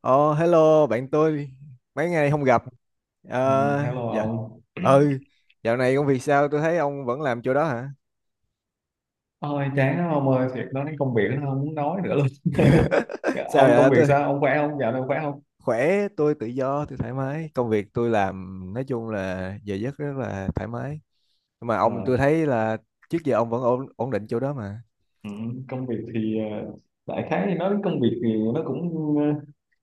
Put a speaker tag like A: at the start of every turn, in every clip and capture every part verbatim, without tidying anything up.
A: Ờ, Hello bạn tôi, mấy ngày không gặp.
B: Ừ,
A: Ờ,
B: hello
A: dạ.
B: ông.
A: Ừ, dạo này công việc sao, tôi thấy ông vẫn làm chỗ đó hả?
B: Ôi chán lắm ông ơi. Thiệt, nói đến công việc nó không muốn nói nữa luôn.
A: Sao
B: Ông
A: vậy
B: công việc
A: tôi?
B: sao? Ông khỏe không? Dạo này ông khỏe không?
A: Khỏe, tôi tự do, tôi thoải mái, công việc tôi làm nói chung là giờ giấc rất là thoải mái. Nhưng mà
B: Ờ,
A: ông, tôi thấy là trước giờ ông vẫn ổn ổn định chỗ đó mà.
B: ừ, công việc thì ờ, đại khái thì nói đến công việc thì nó cũng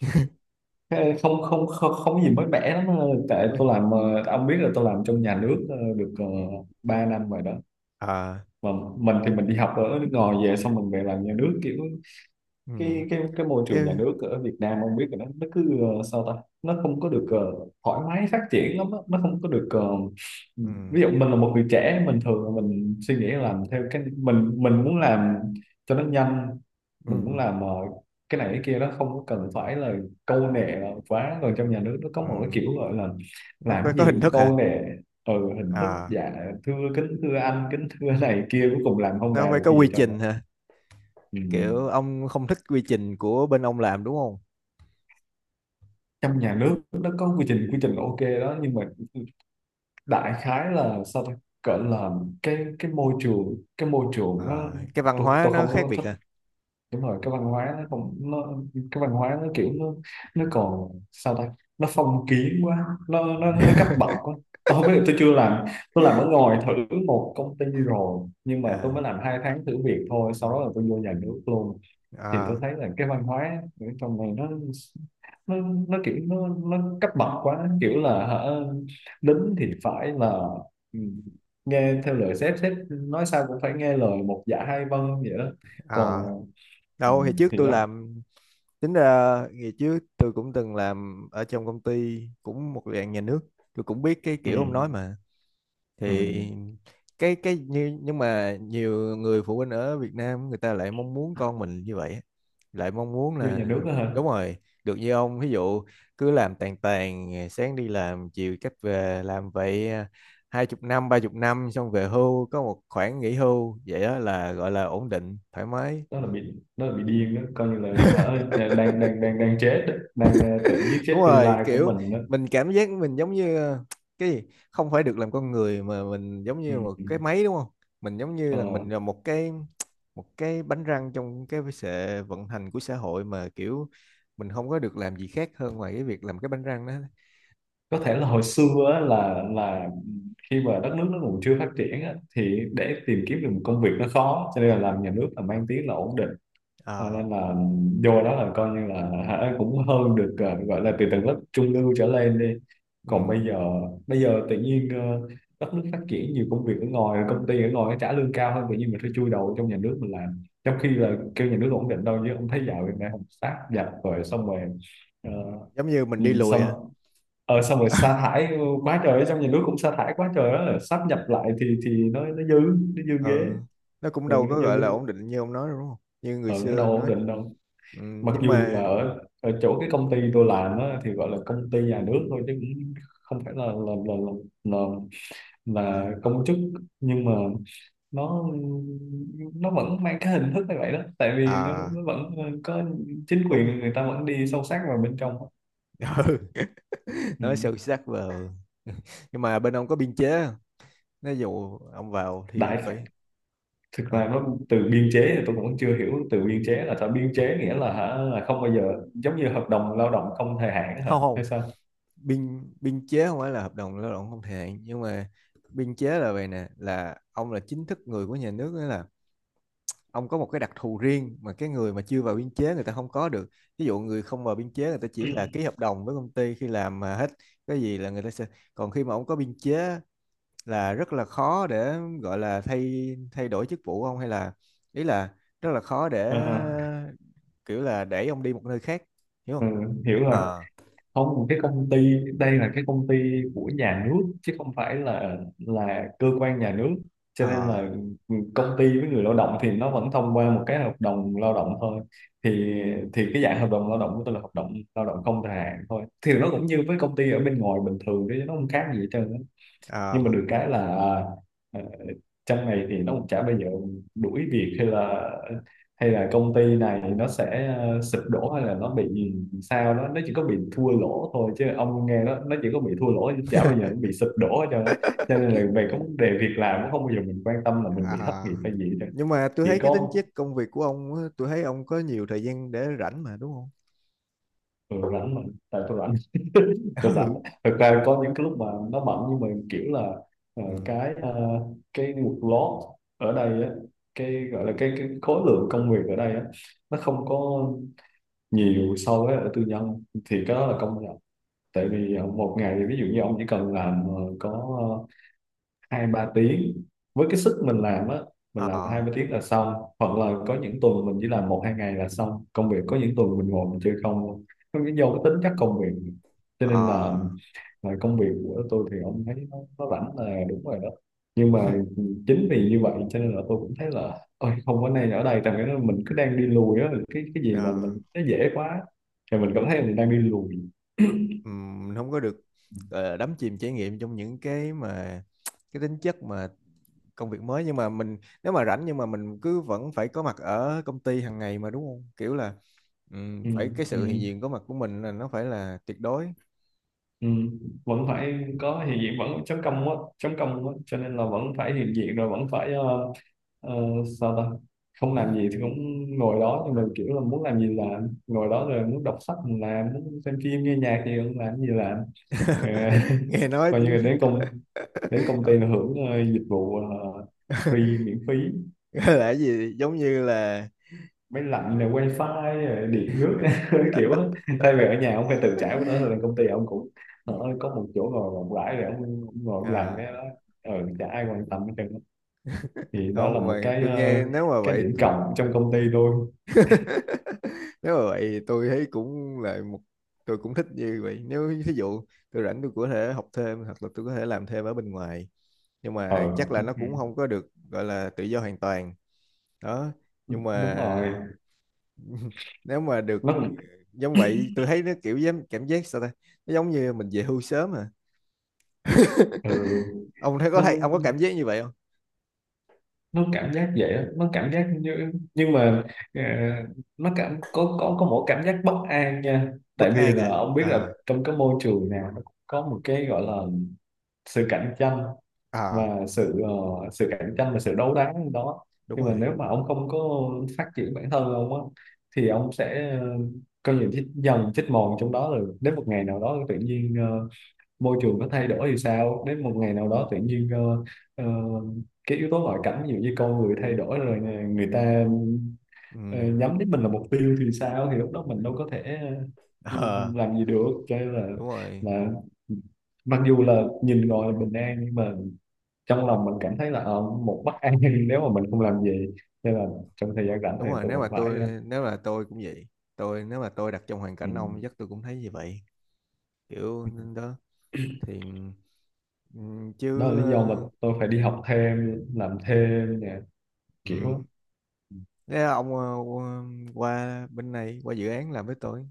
B: ờ, không không không, không có gì mới mẻ lắm. ờ, Tại
A: Không biết.
B: tôi làm, ờ, ông biết là tôi làm trong nhà nước ờ, được uh, ba năm rồi đó,
A: À.
B: mà mình thì mình đi học ở nước ngoài về, xong mình về làm nhà nước. Kiểu
A: Ừ.
B: cái cái cái môi
A: Cái.
B: trường nhà nước ở Việt Nam ông biết là nó nó cứ, ờ, sao ta, nó không có được ờ, thoải mái phát triển lắm á. Nó không có được, ờ,
A: Ừ.
B: ví dụ mình là một người trẻ, mình thường là mình suy nghĩ làm theo cái mình mình muốn làm cho nó nhanh. Mình muốn
A: Ừ.
B: làm ờ, cái này cái kia, nó không có cần phải là câu nệ quá. Còn trong nhà nước nó có
A: Ừ.
B: một cái kiểu gọi là
A: Nó
B: làm
A: phải có
B: cái gì
A: hình
B: cũng
A: thức hả?
B: câu nệ. Ừ, hình thức.
A: À.
B: Dạ, thưa kính thưa anh, kính thưa này kia, cuối cùng làm không
A: Nó
B: ra
A: phải
B: được
A: có
B: cái gì
A: quy
B: hết trơn á.
A: trình hả?
B: Ừ.
A: Kiểu ông không thích quy trình của bên ông làm đúng.
B: Trong nhà nước nó có quy trình. Quy trình ok đó, nhưng mà đại khái là sao ta, cỡ là cái cái môi trường, cái môi trường nó,
A: Ờ, cái văn
B: tôi,
A: hóa
B: tôi
A: nó
B: không
A: khác
B: có
A: biệt
B: thích.
A: à?
B: Đúng rồi, cái văn hóa nó không, nó cái văn hóa nó kiểu nó nó còn sao ta, nó phong kiến quá, nó nó nó cấp bậc quá. Tôi không biết, là tôi chưa làm. Tôi làm ở ngoài thử một công ty rồi, nhưng mà tôi
A: À.
B: mới làm hai tháng thử việc thôi,
A: Ừ.
B: sau đó là tôi vô nhà nước luôn. Thì tôi
A: À.
B: thấy là cái văn hóa ở trong này nó nó nó kiểu nó nó cấp bậc quá, kiểu là hả, lính thì phải là, ừ, nghe theo lời sếp. Sếp nói sao cũng phải nghe lời, một dạ hai vâng vậy đó.
A: À.
B: Còn ừ,
A: Đâu thì trước
B: thì
A: tôi
B: đó.
A: làm. Tính ra ngày trước tôi cũng từng làm ở trong công ty cũng một dạng nhà nước, tôi cũng biết cái
B: Ừ,
A: kiểu ông nói mà.
B: ừ.
A: Thì cái cái như nhưng mà nhiều người phụ huynh ở Việt Nam người ta lại mong muốn con mình như vậy á. Lại mong muốn
B: Vô nhà
A: là
B: nước đó hả?
A: đúng rồi, được như ông ví dụ cứ làm tàn tàn, sáng đi làm, chiều cách về làm vậy à, hai chục năm ba chục năm xong về hưu có một khoản nghỉ hưu, vậy đó là gọi là ổn định thoải mái.
B: Đó là bị đó là bị điên đó. Coi như là hả, đang đang đang đang chết đó. Đang, ờ, tự giết chết
A: Đúng
B: tương
A: rồi,
B: lai của
A: kiểu
B: mình đó.
A: mình cảm giác mình giống như ờ, cái gì, không phải được làm con người mà mình giống như một cái
B: Ừ.
A: máy đúng không? Mình giống như
B: Ờ,
A: là mình là một cái một cái bánh răng trong cái sự vận hành của xã hội, mà kiểu mình không có được làm gì khác hơn ngoài cái việc làm cái bánh răng đó.
B: có thể là hồi xưa á, là là khi mà đất nước nó còn chưa phát triển á, thì để tìm kiếm được một công việc nó khó, cho nên là làm nhà nước là mang tiếng là ổn định. Cho
A: Ờ.
B: nên là vô đó là coi như là hả, cũng hơn được, ờ, gọi là từ tầng lớp trung lưu trở lên đi. Còn
A: Ừ.
B: bây giờ, bây giờ tự nhiên ờ, đất nước phát triển, nhiều công việc ở ngoài, công ty ở ngoài nó trả lương cao hơn, tự nhiên mình phải chui đầu trong nhà nước mình làm, trong khi
A: Ừ.
B: là kêu nhà nước ổn định đâu chứ. Ông thấy dạo này không, sát dập rồi, xong rồi, ờ,
A: Ừ. Giống như mình
B: ừ,
A: đi lùi à?
B: xong ờ xong rồi sa thải. Ừ, quá trời ấy. Xong nhà nước cũng sa thải quá trời á, sắp nhập lại thì, thì nó nó dư, nó dư ghế.
A: Ừ, nó cũng
B: Ừ,
A: đâu
B: nó
A: có gọi là
B: dư.
A: ổn định như ông nói đâu, đúng không, như người
B: Ừ, nó đâu
A: xưa
B: ổn
A: nói.
B: định đâu.
A: Ừ,
B: Mặc
A: nhưng
B: dù là
A: mà
B: ở, ở chỗ cái công ty tôi làm á thì gọi là công ty nhà nước thôi, chứ cũng không phải là, là là là, là,
A: à,
B: là công chức. Nhưng mà nó nó vẫn mang cái hình thức như vậy đó. Tại vì nó,
A: à,
B: nó vẫn ờ, có chính
A: đúng.
B: quyền, người ta vẫn đi sâu sát vào bên trong á.
A: Ừ. Nói sâu
B: Ừ.
A: sắc vào. Nhưng mà bên ông có biên chế không? Nếu dụ ông vào thì
B: đại
A: phải
B: Thực
A: à,
B: ra nó từ biên chế thì tôi cũng chưa hiểu, từ biên chế là sao? Biên chế nghĩa là hả, là không bao giờ, giống như hợp đồng lao động không thời hạn á, hả,
A: không,
B: hay
A: không.
B: sao?
A: Biên biên chế không phải là hợp đồng lao động không thời hạn, nhưng mà biên chế là vậy nè, là ông là chính thức người của nhà nước, nghĩa là ông có một cái đặc thù riêng mà cái người mà chưa vào biên chế người ta không có được. Ví dụ người không vào biên chế người ta chỉ là ký hợp đồng với công ty, khi làm mà hết cái gì là người ta sẽ, còn khi mà ông có biên chế là rất là khó để gọi là thay thay đổi chức vụ không hay là, ý là rất là khó để
B: Ờ, ờ,
A: kiểu là để ông đi một nơi khác, hiểu
B: ừ,
A: không?
B: hiểu rồi.
A: Ờ.
B: Không, cái công ty đây là cái công ty của nhà nước, chứ không phải là là cơ quan nhà nước. Cho
A: Ờ.
B: nên là công ty với người lao động thì nó vẫn thông qua một cái hợp đồng lao động thôi. Thì, thì cái dạng hợp đồng lao động của tôi là hợp đồng lao động không thời hạn thôi, thì nó cũng như với công ty ở bên ngoài bình thường, chứ nó không khác gì hết trơn á.
A: Ờ.
B: Nhưng mà được cái là, à, ờ, trong này thì nó cũng chả bao giờ đuổi việc, hay là, hay là công ty này nó sẽ ờ, sụp đổ, hay là nó bị sao đó. Nó chỉ có bị thua lỗ thôi, chứ ông nghe, nó nó chỉ có bị thua lỗ, chứ chả bao giờ nó bị sụp đổ hết trơn á. Cho nên là về cái vấn đề việc làm cũng không bao giờ mình quan tâm là mình bị thất
A: Ờ.
B: nghiệp hay gì hết trơn.
A: Nhưng mà tôi thấy
B: Chỉ
A: cái tính
B: có,
A: chất công việc của ông á, tôi thấy ông có nhiều thời gian để rảnh mà đúng không?
B: ừ, rảnh mà. Tại tôi rảnh, tôi rảnh. Thực ra có những cái lúc mà nó bận, nhưng mà kiểu là ờ,
A: Ừ. Ừ.
B: cái uh, cái workload ở đây á, cái gọi là cái, cái khối lượng công việc ở đây á, nó không có nhiều so với ở tư nhân, thì cái đó là công nhận. Tại vì ờ, một ngày ví dụ như ông chỉ cần làm ờ, có hai ba tiếng, với cái sức mình làm á,
A: Ờ.
B: mình làm hai ba tiếng là xong. Hoặc là có những tuần mình chỉ làm một hai ngày là xong công việc. Có những tuần mình ngồi mình chơi không luôn. Nó cái do cái tính chất công việc, cho
A: Ờ.
B: nên là, là công việc của tôi thì ông thấy nó, nó rảnh là đúng rồi đó. Nhưng mà chính vì như vậy cho nên là tôi cũng thấy là, ôi không có nên ở đây, tại vì mình cứ đang đi lùi á. Cái cái gì mà
A: Ờ.
B: mình nó dễ quá thì mình cảm thấy mình đang đi lùi.
A: Ừm, mình không có được ờ, đắm chìm trải nghiệm trong những cái mà cái tính chất mà công việc mới, nhưng mà mình nếu mà rảnh nhưng mà mình cứ vẫn phải có mặt ở công ty hàng ngày mà đúng không, kiểu là ừm,
B: Ừ,
A: phải cái
B: ừ.
A: sự hiện diện có mặt của mình là nó phải là tuyệt đối.
B: Ừ, vẫn phải có hiện diện, vẫn chấm công á, chấm công á. Cho nên là vẫn phải hiện diện, rồi vẫn phải ờ, ờ, sao ta, không làm gì thì cũng ngồi đó, nhưng mà kiểu là muốn làm gì làm. Ngồi đó rồi muốn đọc sách thì làm, muốn xem phim nghe nhạc thì cũng làm gì làm. Ờ,
A: Nghe nói
B: coi như
A: tính-
B: là đến công đến công ty là hưởng, ờ, dịch vụ, ờ, free miễn phí.
A: gọi là cái gì giống như là
B: Máy lạnh này, wifi, rồi điện nước, kiểu á. Thay vì ở nhà ông phải tự trả của nó, thì công ty ông cũng ở có một chỗ ngồi rộng rãi để ông, ông ngồi ông làm
A: à,
B: cái đó. Ừ, chả ai quan tâm hết trơn á. Thì đó là
A: không
B: một
A: mà
B: cái
A: tôi
B: ờ,
A: nghe, nếu mà
B: cái
A: vậy,
B: điểm cộng trong công ty tôi.
A: nếu mà vậy tôi thấy cũng là một, tôi cũng thích như vậy nếu ví dụ tôi rảnh tôi có thể học thêm hoặc là tôi có thể làm thêm ở bên ngoài, nhưng
B: Ờ,
A: mà chắc là
B: ừ,
A: nó cũng không có được gọi là tự do hoàn toàn. Đó, nhưng
B: đúng rồi.
A: mà nếu mà được
B: Nó,
A: giống vậy tôi thấy nó kiểu giống cảm giác sao ta, nó giống như mình về hưu sớm à.
B: ừ,
A: Ông thấy có thấy ông có cảm
B: nó
A: giác như vậy không?
B: nó cảm giác vậy á. Nó cảm giác như, nhưng mà ờ, nó cảm, có có có một cảm giác bất an nha. Tại
A: Bất
B: vì
A: an
B: là
A: à?
B: ông biết là
A: Ờ,
B: trong cái môi trường nào nó cũng có một cái gọi là sự cạnh tranh
A: à,
B: và sự ờ, sự cạnh tranh và sự đấu đá đó.
A: đúng
B: Nhưng mà
A: rồi.
B: nếu mà ông không có phát triển bản thân ông á, thì ông sẽ ờ, có những chết dần chết mòn trong đó. Rồi đến một ngày nào đó tự nhiên ờ, môi trường nó thay đổi thì sao? Đến một ngày nào đó tự nhiên ờ, ờ, cái yếu tố ngoại cảnh, ví dụ như con người thay đổi rồi nè, người ta ờ,
A: Ừ.
B: nhắm đến mình là mục tiêu thì sao, thì lúc đó mình đâu có thể, ừ,
A: Ờ.
B: làm gì được. Cho nên là,
A: Đúng rồi.
B: là mặc dù là nhìn gọi là bình an, nhưng mà trong lòng mình cảm thấy là ờ, một bất an. Nếu mà mình không làm gì, nên là trong thời gian rảnh
A: Đúng
B: thì
A: rồi,
B: tôi
A: nếu mà
B: cũng phải ờ,
A: tôi nếu là tôi cũng vậy, tôi nếu mà tôi đặt trong hoàn
B: ừ.
A: cảnh ông chắc tôi cũng thấy như vậy, kiểu nên đó. Thì ừm,
B: Đó là
A: chứ
B: lý do mà
A: ờ,
B: tôi phải đi học thêm, làm thêm nè, kiểu á.
A: ừm, nếu là ông ờ, qua qua bên này qua dự án làm với tôi,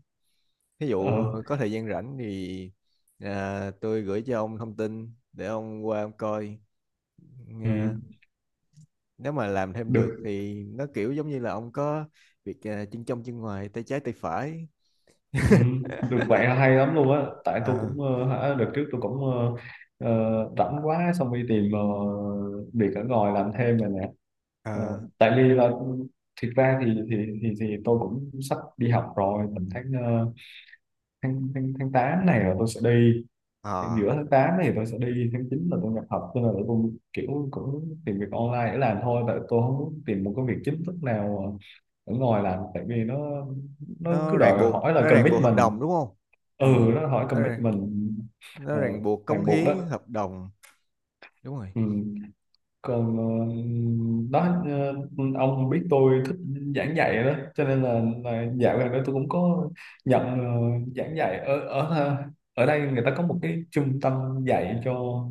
A: ví dụ
B: ờ
A: có thời gian rảnh thì à, tôi gửi cho ông thông tin để ông qua ông coi.
B: ừ.
A: Ờ, nếu mà làm thêm được
B: Được.
A: thì nó kiểu giống như là ông có việc à, chân trong chân ngoài tay trái tay phải.
B: Ừ, được vậy là hay lắm luôn á. Tại tôi
A: Ờ.
B: cũng ờ, hả, đợt trước tôi cũng ờ, ờ, rảnh quá, xong đi tìm ờ, việc ở ngoài làm thêm rồi nè. Ờ,
A: Ờ.
B: tại vì là, ừ, thiệt ra thì thì thì thì tôi cũng sắp đi học rồi. Mình tháng ờ, tháng tháng tháng tám này là tôi sẽ đi,
A: Ờ.
B: giữa tháng tám này tôi sẽ đi, tháng chín là tôi nhập học. Cho nên là tôi kiểu cũng tìm việc online để làm thôi, tại tôi không muốn tìm một cái việc chính thức nào ờ, ở ngoài làm, tại vì nó nó
A: Nó
B: cứ
A: ràng
B: đòi
A: buộc,
B: hỏi là
A: nó ràng buộc hợp
B: commitment.
A: đồng đúng không? Ừ,
B: Ừ, nó hỏi
A: nó ràng,
B: commitment.
A: nó
B: ờ,
A: ràng buộc cống
B: Ràng buộc
A: hiến
B: đó.
A: hợp đồng. Đúng rồi.
B: Ừ. Còn ờ, đó, ờ, ông biết tôi thích giảng dạy đó, cho nên là, là dạo gần đây tôi cũng có nhận ờ, giảng dạy ở ở ờ, ở đây. Người ta có một cái trung tâm dạy cho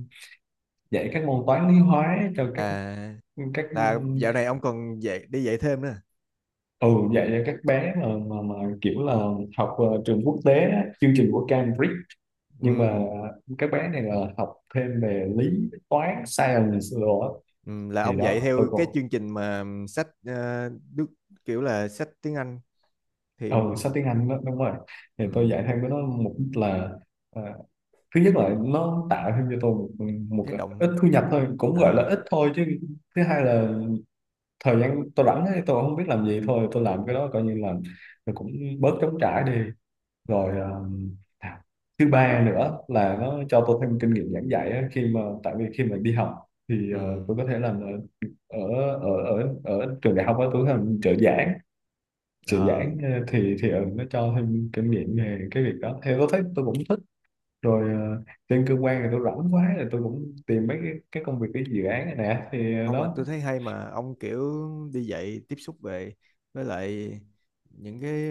B: dạy các môn toán lý hóa cho các
A: À,
B: các.
A: là dạo này ông còn dạy đi dạy thêm nữa à?
B: Ừ, dạy cho các bé mà, mà mà kiểu là học ờ, trường quốc tế á, chương trình của Cambridge.
A: Ừ.
B: Nhưng mà các bé này là học thêm về lý, toán, science rồi á.
A: Ừ, là
B: Thì
A: ông dạy
B: đó tôi
A: theo cái
B: còn,
A: chương trình mà sách ờ, Đức, kiểu là sách tiếng Anh thì
B: ừ, sách tiếng Anh đó, đúng rồi. Thì tôi
A: ừ,
B: dạy thêm với nó mục đích là ờ, thứ nhất là nó tạo thêm cho tôi một, một
A: cái
B: ít
A: động
B: thu nhập thôi, cũng
A: à,
B: gọi là ít thôi chứ. Thứ hai là thời gian tôi rảnh ấy, tôi không biết làm gì, thôi tôi làm cái đó, coi như là cũng bớt trống trải đi. Rồi
A: à,
B: ờ, à, thứ ba nữa là nó cho tôi thêm kinh nghiệm giảng dạy á. Khi mà, tại vì khi mà đi học thì
A: ừ,
B: ờ, tôi có thể làm ở, ở ở ở, ở trường đại học á, tôi có thể làm trợ giảng. Trợ
A: à.
B: giảng ờ, thì, thì ờ, nó cho thêm kinh nghiệm về cái việc đó, theo tôi thấy tôi cũng thích. Rồi ờ, trên cơ quan thì tôi rảnh quá, thì tôi cũng tìm mấy cái, cái công việc, cái dự án này nè, thì ờ,
A: Ông mà tôi
B: đó,
A: thấy hay mà ông kiểu đi dạy tiếp xúc về với lại những cái,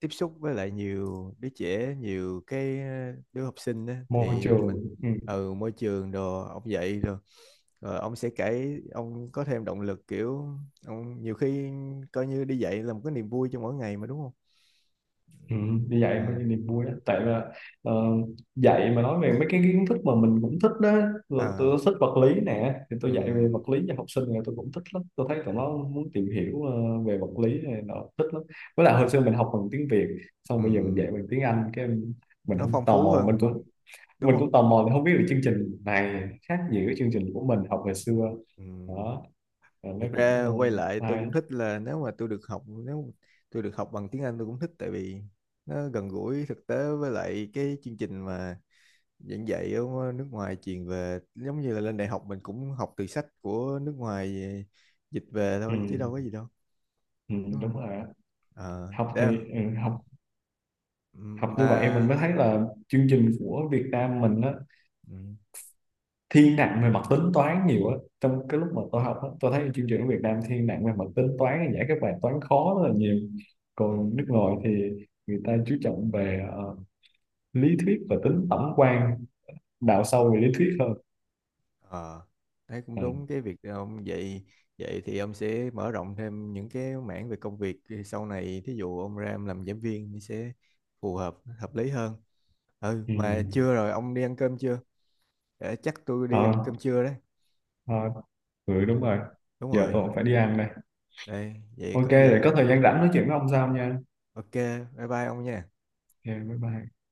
A: tiếp xúc với lại nhiều đứa trẻ, nhiều cái ờ, đứa học sinh á
B: môi
A: thì mình
B: trường. Ừ.
A: ừ, môi trường đồ ông dạy rồi, rồi ông sẽ kể ông có thêm động lực, kiểu ông nhiều khi coi như đi dạy là một cái niềm vui trong mỗi ngày mà đúng không?
B: Ừ, như vậy
A: Ừ.
B: mới là niềm vui đó. Tại là ờ, dạy mà nói về mấy cái kiến thức mà mình cũng thích đó. Tôi,
A: À.
B: tôi thích vật lý nè, thì
A: Ừ.
B: tôi dạy về vật lý cho học sinh này, tôi cũng thích lắm. Tôi thấy
A: Ừ.
B: tụi nó muốn tìm hiểu ờ, về vật lý này, nó thích lắm. Với lại
A: Ừ.
B: hồi xưa mình học bằng tiếng Việt,
A: Ừ.
B: xong bây giờ mình dạy bằng tiếng Anh, cái em- mình
A: Nó
B: không
A: phong
B: tò
A: phú
B: mò, mình
A: hơn
B: cũng
A: đúng
B: mình
A: không?
B: cũng tò mò thì không biết được chương trình này khác gì với chương trình của mình học hồi xưa.
A: Ừ.
B: Đó. Rồi nó
A: Thực
B: cũng
A: ra quay lại
B: ờ,
A: tôi
B: hay.
A: cũng thích là nếu mà tôi được học, nếu tôi được học bằng tiếng Anh tôi cũng thích tại vì nó gần gũi thực tế, với lại cái chương trình mà giảng dạy ở nước ngoài truyền về giống như là lên đại học mình cũng học từ sách của nước ngoài dịch về
B: Ừ,
A: thôi chứ đâu có gì đâu,
B: ừ,
A: đúng
B: đúng
A: không?
B: rồi.
A: Ờ,
B: Học thì,
A: để
B: ừ, học học như
A: mà
B: vậy mình mới thấy là chương trình của Việt Nam mình á
A: ừ,
B: thiên nặng về mặt tính toán nhiều á. Trong cái lúc mà tôi học á, tôi thấy chương trình của Việt Nam thiên nặng về mặt tính toán, giải các bài toán khó rất là nhiều.
A: ừ.
B: Còn nước ngoài thì người ta chú trọng về ờ, lý thuyết và tính tổng quan, đào sâu về lý thuyết hơn.
A: Ờ, thấy cũng
B: Ừ.
A: đúng cái việc đó ông vậy, vậy thì ông sẽ mở rộng thêm những cái mảng về công việc sau này, thí dụ ông ra ông làm giảng viên thì sẽ phù hợp, hợp lý hơn. Ừ
B: Ừ.
A: mà chưa, rồi ông đi ăn cơm chưa? Để chắc tôi đi
B: Ờ,
A: ăn cơm trưa đấy.
B: ờ, ừ,
A: À,
B: đúng rồi.
A: đúng
B: Giờ
A: rồi.
B: tôi cũng phải đi ăn đây.
A: Đây vậy
B: Ok,
A: có
B: để
A: gì
B: có thời gian rảnh nói chuyện với ông sau nha.
A: ok, bye bye ông nha.
B: Ok, bye bye.